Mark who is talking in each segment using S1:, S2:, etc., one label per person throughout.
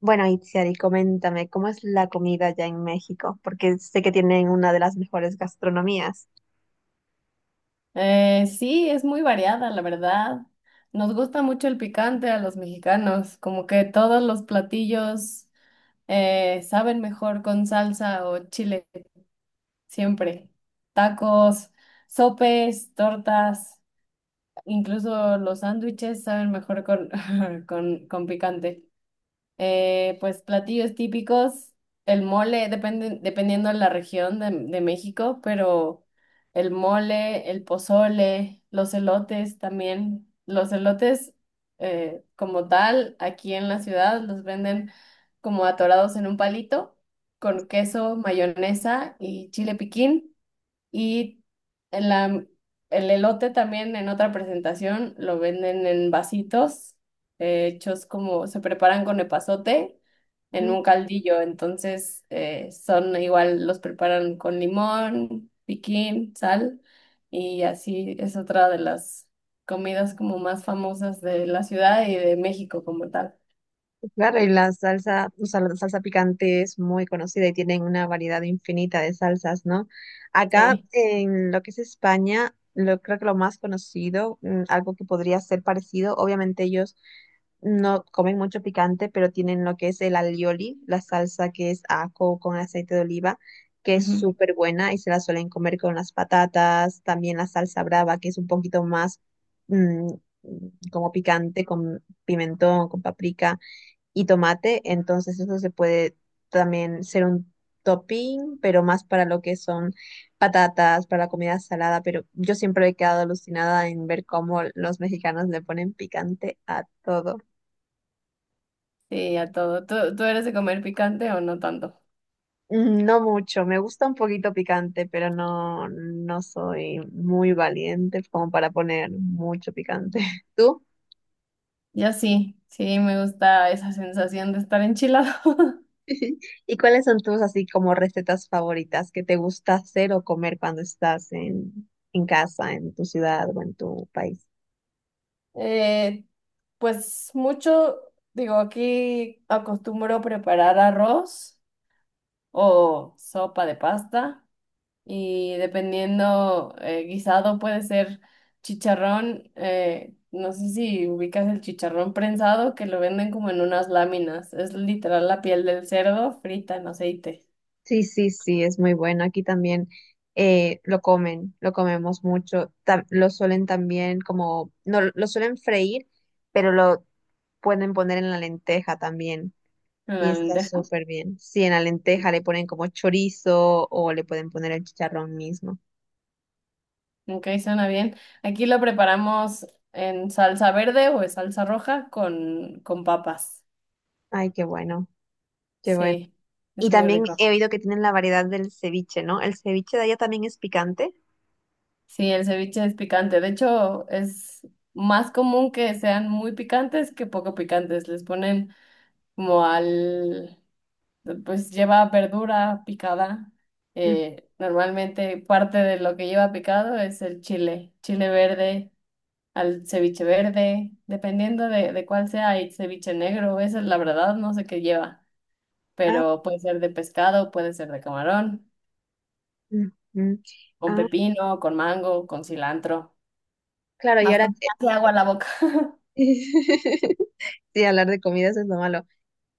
S1: Bueno, Itziar, y coméntame, ¿cómo es la comida allá en México? Porque sé que tienen una de las mejores gastronomías.
S2: Sí, es muy variada, la verdad. Nos gusta mucho el picante a los mexicanos, como que todos los platillos saben mejor con salsa o chile, siempre. Tacos, sopes, tortas, incluso los sándwiches saben mejor con picante. Pues platillos típicos, el mole, depende, dependiendo de la región de México, pero el mole, el pozole, los elotes también. Los elotes, como tal, aquí en la ciudad los venden como atorados en un palito con queso, mayonesa y chile piquín. Y en la, el elote también en otra presentación lo venden en vasitos, hechos como se preparan con epazote en
S1: Ujú,
S2: un caldillo. Entonces son igual, los preparan con limón, piquín, sal y así es otra de las comidas como más famosas de la ciudad y de México como tal.
S1: pues claro, y la salsa, o sea, la salsa picante es muy conocida y tienen una variedad infinita de salsas, ¿no? Acá
S2: Sí,
S1: en lo que es España, lo, creo que lo más conocido, algo que podría ser parecido, obviamente ellos no comen mucho picante, pero tienen lo que es el alioli, la salsa que es ajo con aceite de oliva, que es
S2: ujú.
S1: súper buena y se la suelen comer con las patatas, también la salsa brava, que es un poquito más mm, como picante, con pimentón, con paprika y tomate, entonces eso se puede también ser un topping, pero más para lo que son patatas, para la comida salada, pero yo siempre he quedado alucinada en ver cómo los mexicanos le ponen picante a todo.
S2: Sí, a todo. Tú eres de comer picante o no tanto?
S1: No mucho, me gusta un poquito picante, pero no, no soy muy valiente como para poner mucho picante. ¿Tú?
S2: Yo sí, sí, me gusta esa sensación de estar enchilado.
S1: ¿Y cuáles son tus así como recetas favoritas que te gusta hacer o comer cuando estás en casa, en tu ciudad o en tu país?
S2: Eh, pues mucho, digo, aquí acostumbro preparar arroz o sopa de pasta y dependiendo, guisado puede ser chicharrón, no sé si ubicas el chicharrón prensado que lo venden como en unas láminas, es literal la piel del cerdo frita en aceite,
S1: Sí, sí, sí, es muy bueno. Aquí también lo comen, lo comemos mucho. Lo suelen también como, no, lo suelen freír, pero lo pueden poner en la lenteja también.
S2: en
S1: Y
S2: la
S1: está
S2: lenteja.
S1: súper bien. Sí, en la lenteja le ponen como chorizo o le pueden poner el chicharrón mismo.
S2: Ok, suena bien. Aquí lo preparamos en salsa verde o en salsa roja con papas.
S1: Ay, qué bueno, qué bueno.
S2: Sí,
S1: Y
S2: es muy
S1: también
S2: rico.
S1: he oído que tienen la variedad del ceviche, ¿no? ¿El ceviche de allá también es picante?
S2: Sí, el ceviche es picante. De hecho, es más común que sean muy picantes que poco picantes. Les ponen como al, pues lleva verdura picada.
S1: Mm,
S2: Normalmente parte de lo que lleva picado es el chile, chile verde al ceviche verde, dependiendo de cuál sea, hay ceviche negro, esa es la verdad, no sé qué lleva,
S1: Ah,
S2: pero puede ser de pescado, puede ser de camarón,
S1: mm, mm.
S2: con
S1: Ah,
S2: pepino, con mango, con cilantro,
S1: claro, y
S2: hasta
S1: ahora
S2: me hace agua la boca.
S1: sí, hablar de comidas es lo malo.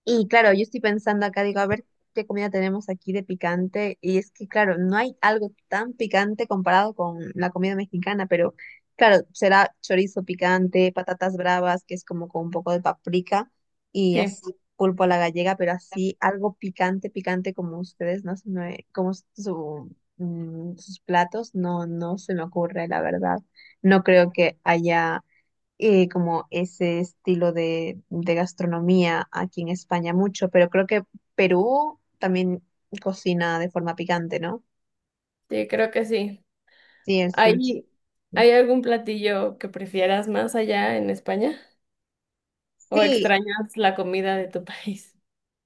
S1: Y claro, yo estoy pensando acá, digo, a ver qué comida tenemos aquí de picante. Y es que, claro, no hay algo tan picante comparado con la comida mexicana, pero claro, será chorizo picante, patatas bravas, que es como con un poco de paprika, y
S2: Sí,
S1: así pulpo a la gallega, pero así algo picante, picante como ustedes, no se me- como su, sus platos, no, no se me ocurre, la verdad. No creo que haya como ese estilo de gastronomía aquí en España mucho, pero creo que Perú también cocina de forma picante, ¿no?
S2: sí, creo que sí.
S1: Sí, el ceviche.
S2: ¿Hay, hay algún platillo que prefieras más allá en España? ¿O
S1: Sí,
S2: extrañas la comida de tu país?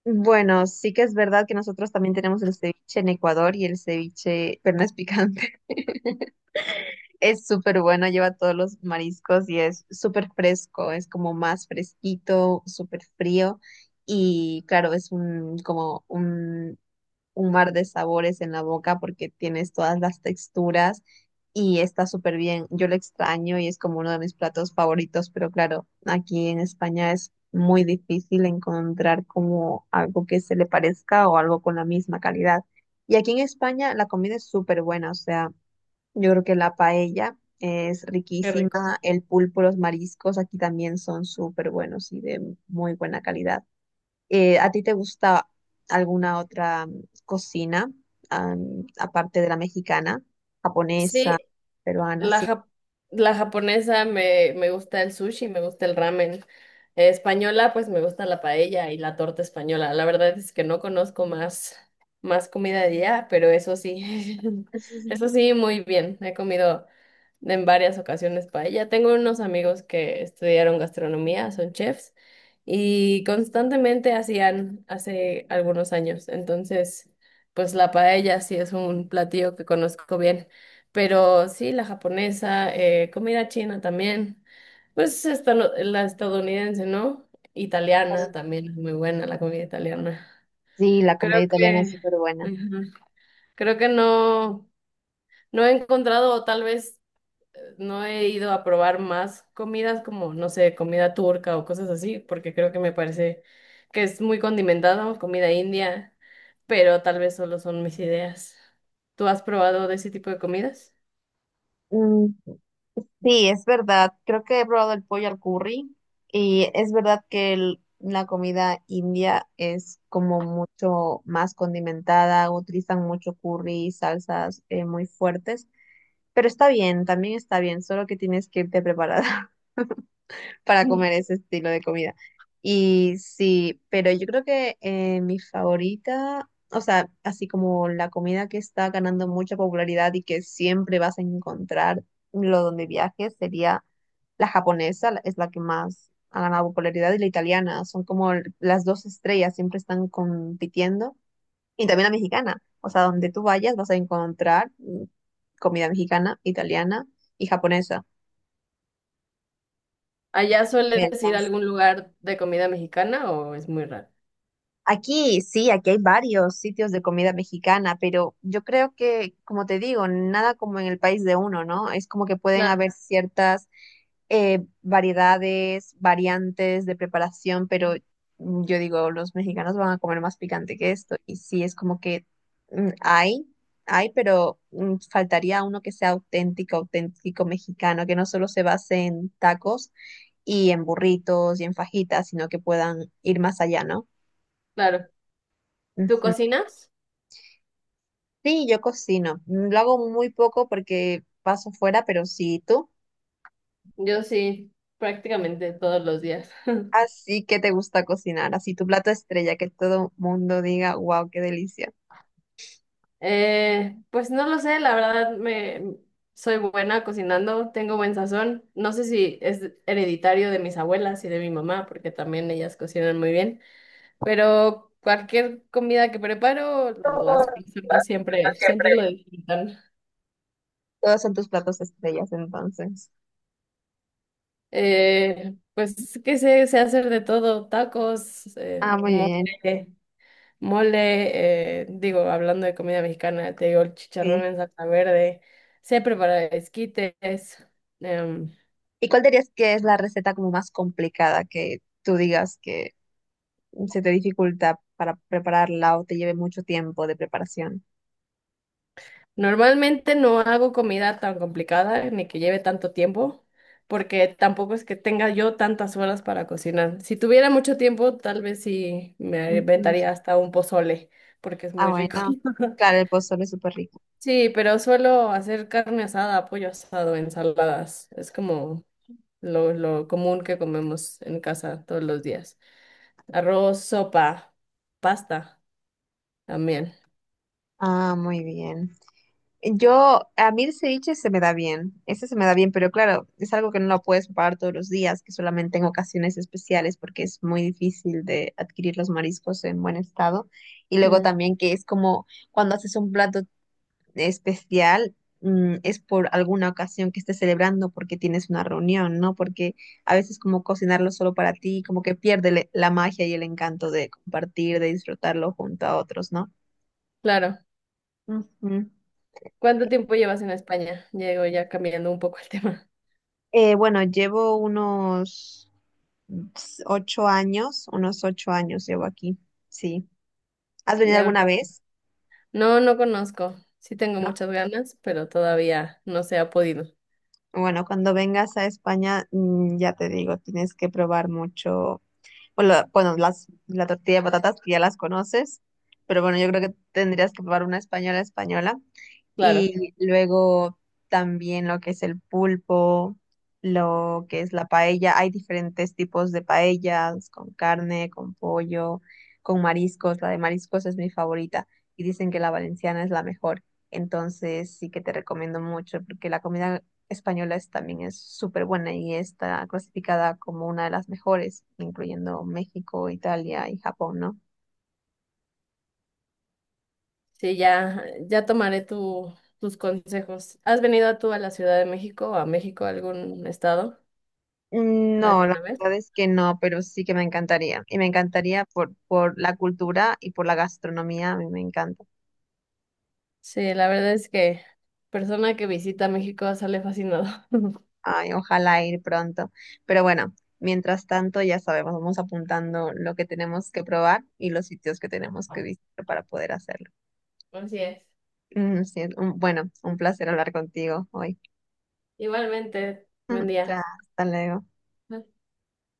S1: bueno, sí que es verdad que nosotros también tenemos el ceviche en Ecuador y el ceviche, pero no es picante. Es súper bueno, lleva todos los mariscos y es súper fresco, es como más fresquito, súper frío y claro, es un, como un mar de sabores en la boca porque tienes todas las texturas y está súper bien. Yo lo extraño y es como uno de mis platos favoritos, pero claro, aquí en España es muy difícil encontrar como algo que se le parezca o algo con la misma calidad. Y aquí en España la comida es súper buena, o sea, yo creo que la paella es
S2: Qué rico.
S1: riquísima, el pulpo, los mariscos aquí también son súper buenos y de muy buena calidad. ¿A ti te gusta alguna otra cocina, aparte de la mexicana, japonesa,
S2: Sí,
S1: peruana?
S2: La,
S1: Sí.
S2: jap- la japonesa me gusta el sushi, me gusta el ramen. Española, pues me gusta la paella y la torta española. La verdad es que no más comida de allá, pero eso sí, eso sí, muy bien. He comido en varias ocasiones paella. Tengo unos amigos que estudiaron gastronomía, son chefs, y constantemente hacían hace algunos años. Entonces, pues la paella sí es un platillo que conozco bien. Pero sí, la japonesa, comida china también. Pues esta, la estadounidense, ¿no? Italiana
S1: Claro.
S2: también es muy buena la comida italiana.
S1: Sí, la comida
S2: Creo
S1: italiana es
S2: que,
S1: súper buena.
S2: ujú, creo que no, no he encontrado, o tal vez no he ido a probar más comidas como, no sé, comida turca o cosas así, porque creo que me parece que es muy condimentada, o comida india, pero tal vez solo son mis ideas. ¿Tú has probado de ese tipo de comidas?
S1: Mm, sí, es verdad. Creo que he probado el pollo al curry y es verdad que la comida india es como mucho más condimentada, utilizan mucho curry, salsas muy fuertes, pero está bien, también está bien, solo que tienes que irte preparada. Para comer ese estilo de comida. Y sí, pero yo creo que mi favorita, o sea, así como la comida que está ganando mucha popularidad y que siempre vas a encontrar lo donde viajes, sería la japonesa, es la que más ha ganado popularidad, y la italiana, son como las dos estrellas, siempre están compitiendo. Y también la mexicana, o sea, donde tú vayas vas a encontrar comida mexicana, italiana y japonesa.
S2: ¿Allá
S1: Me
S2: sueles ir a
S1: alcanza.
S2: algún lugar de comida mexicana o es muy raro?
S1: Aquí sí, aquí hay varios sitios de comida mexicana, pero yo creo que, como te digo, nada como en el país de uno, ¿no? Es como que pueden
S2: Claro,
S1: haber ciertas variedades, variantes de preparación, pero yo digo, los mexicanos van a comer más picante que esto. Y sí, es como que mm, hay, hay, pero faltaría uno que sea auténtico, auténtico mexicano, que no solo se base en tacos y en burritos y en fajitas, sino que puedan ir más allá, ¿no?
S2: claro. ¿Tú
S1: Ujú.
S2: cocinas?
S1: Sí, yo cocino. Lo hago muy poco porque paso fuera, pero sí, tú.
S2: Yo sí, prácticamente todos los días.
S1: Así que te gusta cocinar, así tu plato estrella, que todo mundo diga, wow, qué delicia.
S2: Pues no lo sé, la verdad me soy buena cocinando, tengo buen sazón. No sé si es hereditario de mis abuelas y de mi mamá, porque también ellas cocinan muy bien, pero cualquier comida que preparo, las personas
S1: No
S2: siempre,
S1: siempre.
S2: siempre lo disfrutan.
S1: Todos son tus platos estrellas, entonces.
S2: Pues que sé, sé hacer de todo, tacos,
S1: Ah, muy
S2: mole,
S1: bien,
S2: mole, digo, hablando de comida mexicana, te digo, el chicharrón
S1: sí.
S2: en salsa verde, sé preparar esquites. em,
S1: ¿Y cuál dirías que es la receta como más complicada que tú digas que se te dificulta para prepararla o te lleve mucho tiempo de preparación?
S2: Normalmente no hago comida tan complicada ni que lleve tanto tiempo, porque tampoco es que tenga yo tantas horas para cocinar. Si tuviera mucho tiempo, tal vez sí me
S1: Ujú.
S2: inventaría hasta un pozole, porque es
S1: Ah,
S2: muy rico.
S1: bueno. Claro, el pozole es súper rico.
S2: Sí, pero suelo hacer carne asada, pollo asado, ensaladas. Es como lo común que comemos en casa todos los días. Arroz, sopa, pasta también.
S1: Ah, muy bien. Yo, a mí el ceviche se me da bien, ese se me da bien, pero claro, es algo que no lo puedes preparar todos los días, que solamente en ocasiones especiales, porque es muy difícil de adquirir los mariscos en buen estado. Y luego
S2: Mm,
S1: también que es como cuando haces un plato especial, es por alguna ocasión que estés celebrando porque tienes una reunión, ¿no? Porque a veces como cocinarlo solo para ti, como que pierde la magia y el encanto de compartir, de disfrutarlo junto a otros, ¿no?
S2: claro.
S1: Ujú.
S2: ¿Cuánto tiempo llevas en España? Llego ya cambiando un poco el tema.
S1: Bueno, llevo unos... 8 años, unos 8 años llevo aquí, sí. ¿Has venido
S2: Ya un
S1: alguna
S2: ra-
S1: vez?
S2: No, no conozco. Sí tengo
S1: ¿No?
S2: muchas ganas, pero todavía no se ha podido.
S1: Bueno, cuando vengas a España, ya te digo, tienes que probar mucho. Bueno, la tortilla de patatas que ya las conoces, pero bueno, yo creo que tendrías que probar una española española.
S2: Claro.
S1: Y luego también lo que es el pulpo, lo que es la paella. Hay diferentes tipos de paellas, con carne, con pollo, con mariscos. La de mariscos es mi favorita y dicen que la valenciana es la mejor. Entonces sí que te recomiendo mucho porque la comida española es, también es súper buena y está clasificada como una de las mejores, incluyendo México, Italia y Japón, ¿no?
S2: Sí, ya, ya tomaré tu, tus consejos. ¿Has venido tú a la Ciudad de México o a México, a algún estado,
S1: No, la
S2: alguna vez?
S1: verdad es que no, pero sí que me encantaría. Y me encantaría por la cultura y por la gastronomía, a mí me encanta.
S2: Sí, la verdad es que persona que visita México sale fascinado.
S1: Ay, ojalá ir pronto. Pero bueno, mientras tanto, ya sabemos, vamos apuntando lo que tenemos que probar y los sitios que tenemos que visitar para poder hacerlo.
S2: Así es.
S1: Sí, bueno, un placer hablar contigo hoy.
S2: Igualmente, buen día.
S1: Ya, hasta luego.